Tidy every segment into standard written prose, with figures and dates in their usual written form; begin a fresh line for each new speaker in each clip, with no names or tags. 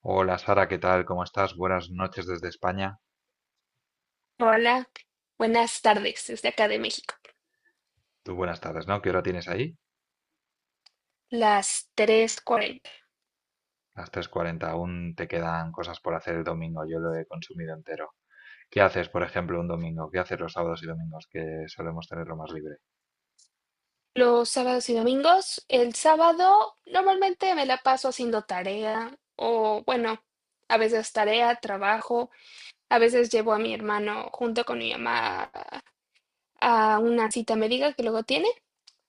Hola Sara, ¿qué tal? ¿Cómo estás? Buenas noches desde España.
Hola, buenas tardes desde acá de México,
Tú buenas tardes, ¿no? ¿Qué hora tienes ahí?
las 3:40.
Las 3:40. Aún te quedan cosas por hacer el domingo. Yo lo he consumido entero. ¿Qué haces, por ejemplo, un domingo? ¿Qué haces los sábados y domingos que solemos tenerlo más libre?
Los sábados y domingos, el sábado normalmente me la paso haciendo tarea o bueno, a veces tarea, trabajo, a veces llevo a mi hermano junto con mi mamá a una cita médica que luego tiene,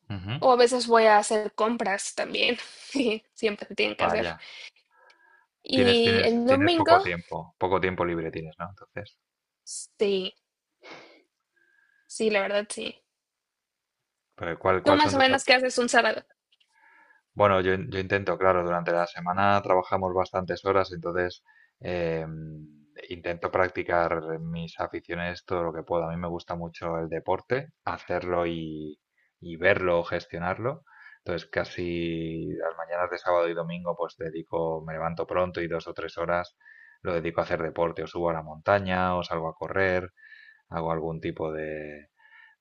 Ujú.
o a veces voy a hacer compras también, que siempre se tienen que hacer.
Vaya. Tienes,
Y
tienes,
el
tienes
domingo.
poco tiempo. Poco tiempo libre tienes, ¿no? Entonces,
Sí, sí, la verdad sí.
pero ¿cuál,
¿Tú
cuál son
más o
tus
menos qué haces un sábado?
Bueno, yo intento, claro, durante la semana trabajamos bastantes horas, entonces eh, intento practicar mis aficiones todo lo que puedo. A mí me gusta mucho el deporte, hacerlo y verlo o gestionarlo. Entonces casi las mañanas de sábado y domingo pues dedico, me levanto pronto y 2 o 3 horas lo dedico a hacer deporte, o subo a la montaña, o salgo a correr, hago algún tipo de,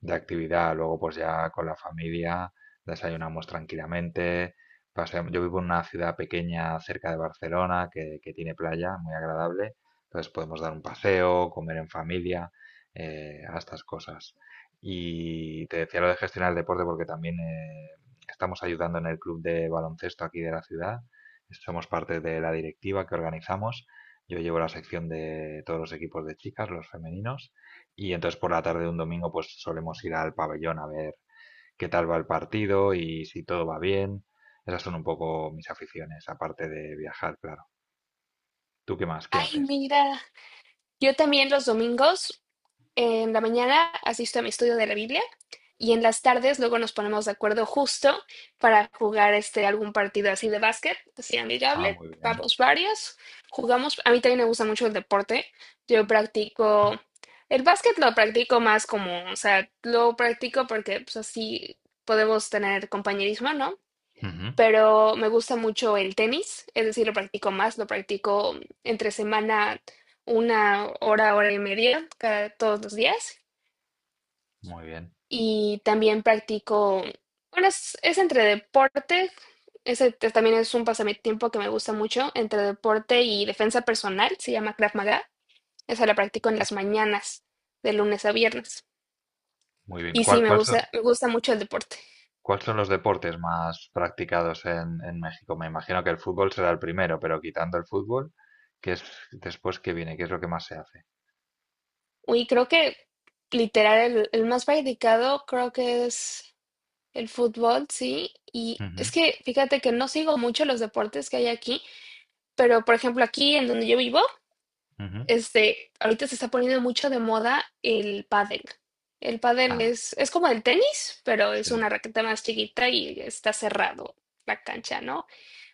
de actividad. Luego, pues ya con la familia desayunamos tranquilamente. Yo vivo en una ciudad pequeña cerca de Barcelona que tiene playa muy agradable. Entonces podemos dar un paseo, comer en familia, a estas cosas. Y te decía lo de gestionar el deporte porque también estamos ayudando en el club de baloncesto aquí de la ciudad. Somos parte de la directiva que organizamos. Yo llevo la sección de todos los equipos de chicas, los femeninos. Y entonces por la tarde de un domingo pues solemos ir al pabellón a ver qué tal va el partido y si todo va bien. Esas son un poco mis aficiones, aparte de viajar, claro. ¿Tú qué más? ¿Qué
Ay,
haces?
mira. Yo también los domingos en la mañana asisto a mi estudio de la Biblia, y en las tardes luego nos ponemos de acuerdo justo para jugar este algún partido así de básquet, así
Ah,
amigable.
muy bien.
Vamos varios, jugamos. A mí también me gusta mucho el deporte. Yo practico el básquet, lo practico más como, o sea, lo practico porque pues así podemos tener compañerismo, ¿no?
Ujú.
Pero me gusta mucho el tenis, es decir, lo practico entre semana 1 hora, hora y media, todos los días.
Muy bien,
Y también practico, bueno, es entre deporte, ese también es un pasatiempo que me gusta mucho, entre deporte y defensa personal, se llama Krav Maga. Esa la practico en las mañanas, de lunes a viernes.
muy bien.
Y sí,
¿Cuál,
me
cuál son,
gusta, me gusta mucho el deporte.
cuál son los deportes más practicados en México? Me imagino que el fútbol será el primero, pero quitando el fútbol, ¿qué es después que viene? ¿Qué es lo que más se hace?
Y creo que literal el más practicado creo que es el fútbol, sí. Y es
Ujú,
que fíjate que no sigo mucho los deportes que hay aquí, pero por ejemplo aquí en donde yo vivo,
ujú.
este, ahorita se está poniendo mucho de moda el pádel. El pádel
Ah,
es como el tenis, pero es una
sí.
raqueta más chiquita y está cerrado la cancha, ¿no?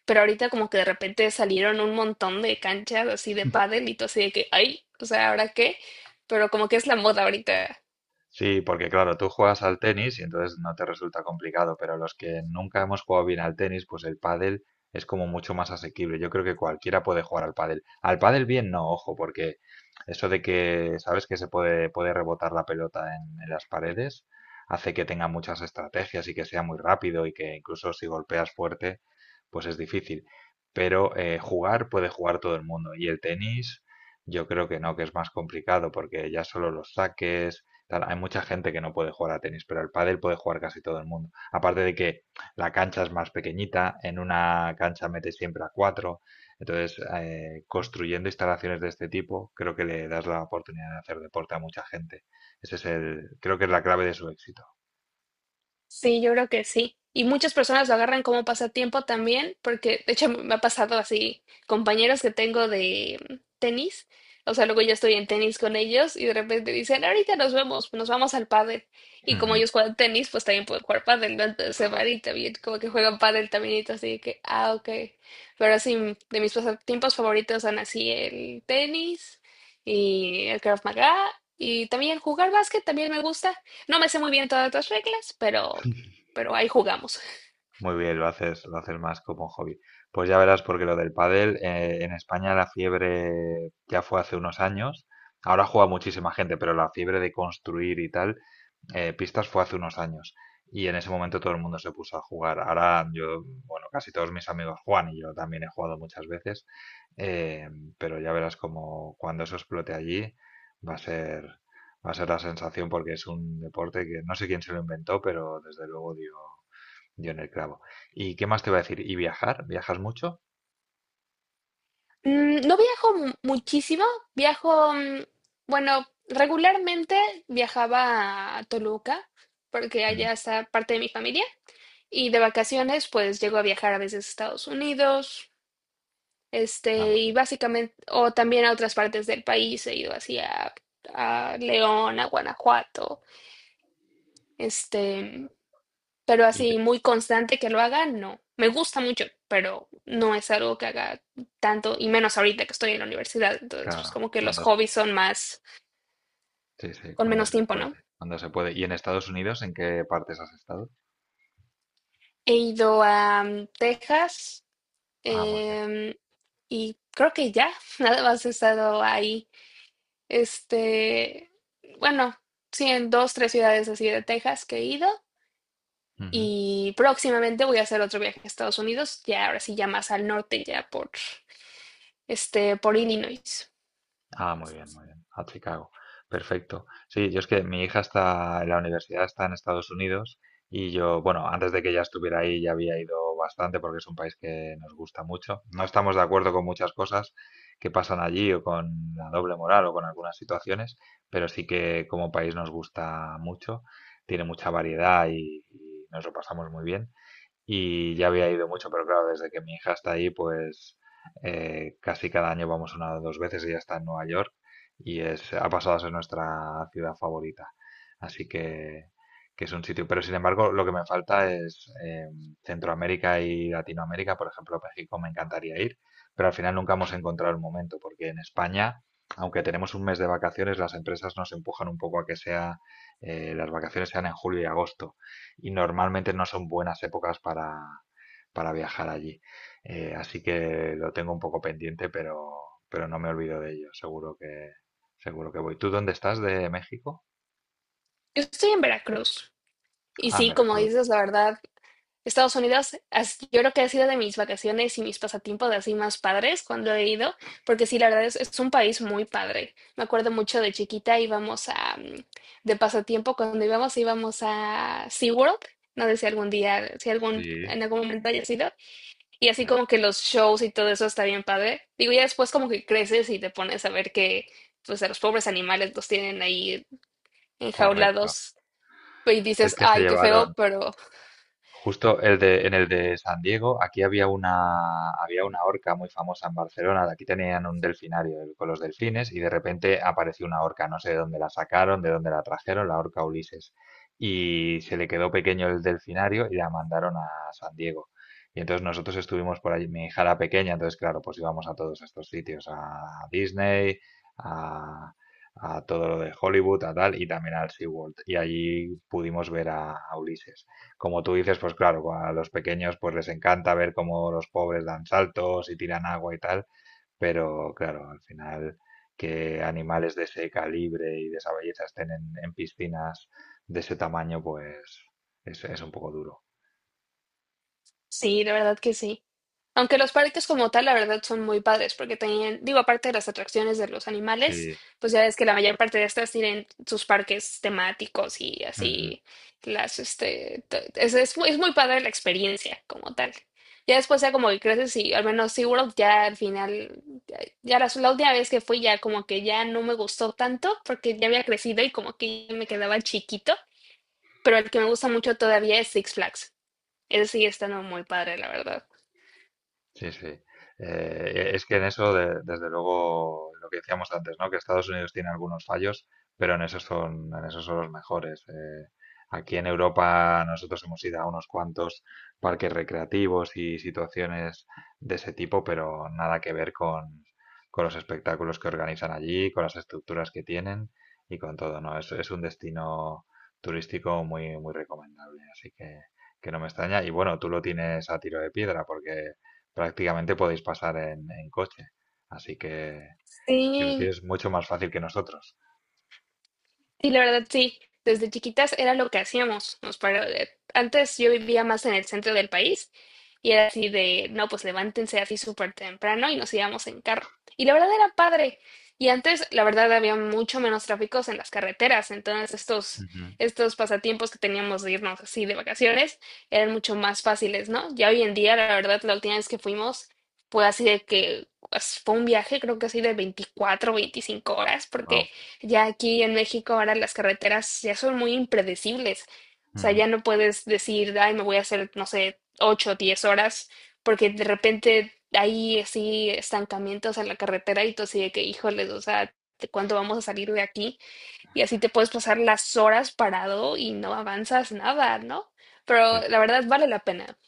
Pero ahorita como que de repente salieron un montón de canchas así de pádel, y todo así de que, ay, o sea, ¿ahora qué? Pero como que es la moda ahorita.
Sí, porque claro, tú juegas al tenis y entonces no te resulta complicado, pero los que nunca hemos jugado bien al tenis, pues el pádel es como mucho más asequible. Yo creo que cualquiera puede jugar al pádel. Al pádel bien no, ojo, porque eso de que sabes que se puede rebotar la pelota en las paredes hace que tenga muchas estrategias y que sea muy rápido y que incluso si golpeas fuerte, pues es difícil. Pero jugar puede jugar todo el mundo y el tenis yo creo que no, que es más complicado porque ya solo los saques tal. Hay mucha gente que no puede jugar a tenis, pero el pádel puede jugar casi todo el mundo. Aparte de que la cancha es más pequeñita, en una cancha metes siempre a cuatro. Entonces, construyendo instalaciones de este tipo, creo que le das la oportunidad de hacer deporte a mucha gente. Ese es el, creo que es la clave de su éxito.
Sí, yo creo que sí. Y muchas personas lo agarran como pasatiempo también, porque de hecho me ha pasado así, compañeros que tengo de tenis, o sea, luego yo estoy en tenis con ellos y de repente dicen, ahorita nos vemos, nos vamos al pádel. Y como
Ujú.
ellos juegan tenis, pues también pueden jugar pádel, ¿no? Entonces se van y también como que juegan pádel también, y todo así de que, ah, ok. Pero sí, de mis pasatiempos favoritos son así el tenis y el Krav Maga, y también jugar básquet también me gusta. No me sé muy bien todas las reglas, pero, ahí jugamos.
Muy bien, lo haces más como hobby. Pues ya verás, porque lo del pádel, en España la fiebre ya fue hace unos años. Ahora juega muchísima gente, pero la fiebre de construir y tal pistas fue hace unos años y en ese momento todo el mundo se puso a jugar. Ahora yo, bueno, casi todos mis amigos Juan y yo también he jugado muchas veces, eh, pero ya verás como cuando eso explote allí va a ser, va a ser la sensación porque es un deporte que no sé quién se lo inventó, pero desde luego dio en el clavo. ¿Y qué más te iba a decir? ¿Y viajar? ¿Viajas mucho?
No viajo muchísimo, viajo, bueno, regularmente viajaba a Toluca porque
Mm.
allá está parte de mi familia, y de vacaciones pues llego a viajar a veces a Estados Unidos.
Ah,
Este,
muy
y
bien.
básicamente, o también a otras partes del país, he ido así a León, a Guanajuato, este, pero
Y
así muy constante que lo haga, no. Me gusta mucho, pero no es algo que haga tanto, y menos ahorita que estoy en la universidad, entonces pues
claro,
como que los
cuando,
hobbies son más,
sí, sí,
con
cuando
menos
se
tiempo,
puede,
¿no?
cuando se puede. ¿Y en Estados Unidos en qué partes has estado?
He ido a Texas,
Ah, muy bien.
em, y creo que ya, nada más he estado ahí. Este, bueno, sí, en dos, tres ciudades así de Texas que he ido.
Ujú.
Y próximamente voy a hacer otro viaje a Estados Unidos, ya ahora sí, ya más al norte, ya por, este, por Illinois.
Ah, muy bien, muy bien. A Chicago. Perfecto. Sí, yo es que mi hija está en la universidad, está en Estados Unidos y yo, bueno, antes de que ella estuviera ahí ya había ido bastante porque es un país que nos gusta mucho. No estamos de acuerdo con muchas cosas que pasan allí o con la doble moral o con algunas situaciones, pero sí que como país nos gusta mucho, tiene mucha variedad y nos lo pasamos muy bien y ya había ido mucho, pero claro, desde que mi hija está ahí, pues casi cada año vamos una o dos veces, ella está en Nueva York y es, ha pasado a ser nuestra ciudad favorita. Así que es un sitio, pero sin embargo lo que me falta es Centroamérica y Latinoamérica, por ejemplo, México me encantaría ir, pero al final nunca hemos encontrado el momento, porque en España, aunque tenemos un mes de vacaciones, las empresas nos empujan un poco a que sea, las vacaciones sean en julio y agosto y normalmente no son buenas épocas para viajar allí. Así que lo tengo un poco pendiente, pero no me olvido de ello. Seguro que voy. ¿Tú dónde estás de México?
Yo estoy en Veracruz. Y
Ah, en
sí, como
Veracruz.
dices, la verdad. Estados Unidos, yo creo que ha sido de mis vacaciones y mis pasatiempos de así más padres cuando he ido, porque sí, la verdad es un país muy padre. Me acuerdo mucho de chiquita íbamos de pasatiempo, cuando íbamos a SeaWorld, no sé si algún día, si algún,
Sí,
en algún momento haya sido, y así
sí,
como que los shows y todo eso está bien padre. Digo, ya después como que creces y te pones a ver que, pues a los pobres animales los tienen ahí
correcto.
enjaulados, y
Es
dices,
que se
ay, qué feo,
llevaron,
pero
Justo en el de San Diego, aquí había una orca muy famosa en Barcelona. De aquí tenían un delfinario con los delfines y de repente apareció una orca. No sé de dónde la sacaron, de dónde la trajeron, la orca Ulises. Y se le quedó pequeño el delfinario y la mandaron a San Diego. Y entonces nosotros estuvimos por allí, mi hija era pequeña, entonces claro, pues íbamos a todos estos sitios, a Disney, a, a todo lo de Hollywood, a tal, y también al SeaWorld. Y allí pudimos ver a Ulises. Como tú dices, pues claro, a los pequeños pues les encanta ver cómo los pobres dan saltos y tiran agua y tal, pero claro, al final que animales de ese calibre y de esa belleza estén en piscinas de ese tamaño, pues es un poco duro.
sí, la verdad que sí. Aunque los parques como tal, la verdad, son muy padres, porque tenían, digo, aparte de las atracciones de los animales,
Sí.
pues ya ves que la mayor parte de estas tienen sus parques temáticos y así, es muy padre la experiencia como tal. Ya después ya como que creces, y al menos SeaWorld ya al final, ya la última vez que fui ya como que ya no me gustó tanto, porque ya había crecido y como que ya me quedaba chiquito, pero el que me gusta mucho todavía es Six Flags. Ese sigue estando muy padre, la verdad.
Sí, sí. Es que en eso, desde luego, lo que decíamos antes, ¿no? Que Estados Unidos tiene algunos fallos, pero en esos son los mejores. Aquí en Europa nosotros hemos ido a unos cuantos parques recreativos y situaciones de ese tipo, pero nada que ver con los espectáculos que organizan allí, con las estructuras que tienen y con todo, ¿no? Es un destino turístico muy, muy recomendable, así que no me extraña. Y bueno, tú lo tienes a tiro de piedra porque prácticamente podéis pasar en coche. Así que lo
Sí.
tienes mucho más fácil que nosotros.
Sí, la verdad sí. Desde chiquitas era lo que hacíamos. Antes yo vivía más en el centro del país, y era así de, no, pues levántense así súper temprano y nos íbamos en carro. Y la verdad era padre. Y antes, la verdad, había mucho menos tráficos en las carreteras. Entonces, estos,
Ujú.
estos pasatiempos que teníamos de irnos así de vacaciones eran mucho más fáciles, ¿no? Ya hoy en día, la verdad, la última vez que fuimos fue así de que pues, fue un viaje, creo que así de 24 o 25 horas,
Wow.
porque ya aquí en México ahora las carreteras ya son muy impredecibles. O sea,
Ujú.
ya no puedes decir, ay, me voy a hacer, no sé, 8 o 10 horas, porque de repente hay así estancamientos en la carretera, y tú así de que, híjoles, o sea, ¿de cuándo vamos a salir de aquí? Y así te puedes pasar las horas parado y no avanzas nada, ¿no?
Sí,
Pero la verdad vale la pena.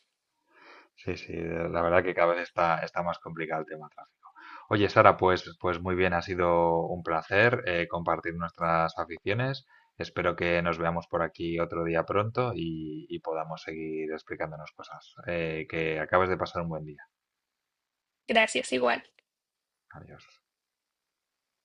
sí, sí, la verdad que cada vez está más complicado el tema tráfico. Oye, Sara, pues muy bien, ha sido un placer compartir nuestras aficiones. Espero que nos veamos por aquí otro día pronto y podamos seguir explicándonos cosas. Que acabes de pasar un buen día.
Gracias, igual.
Adiós.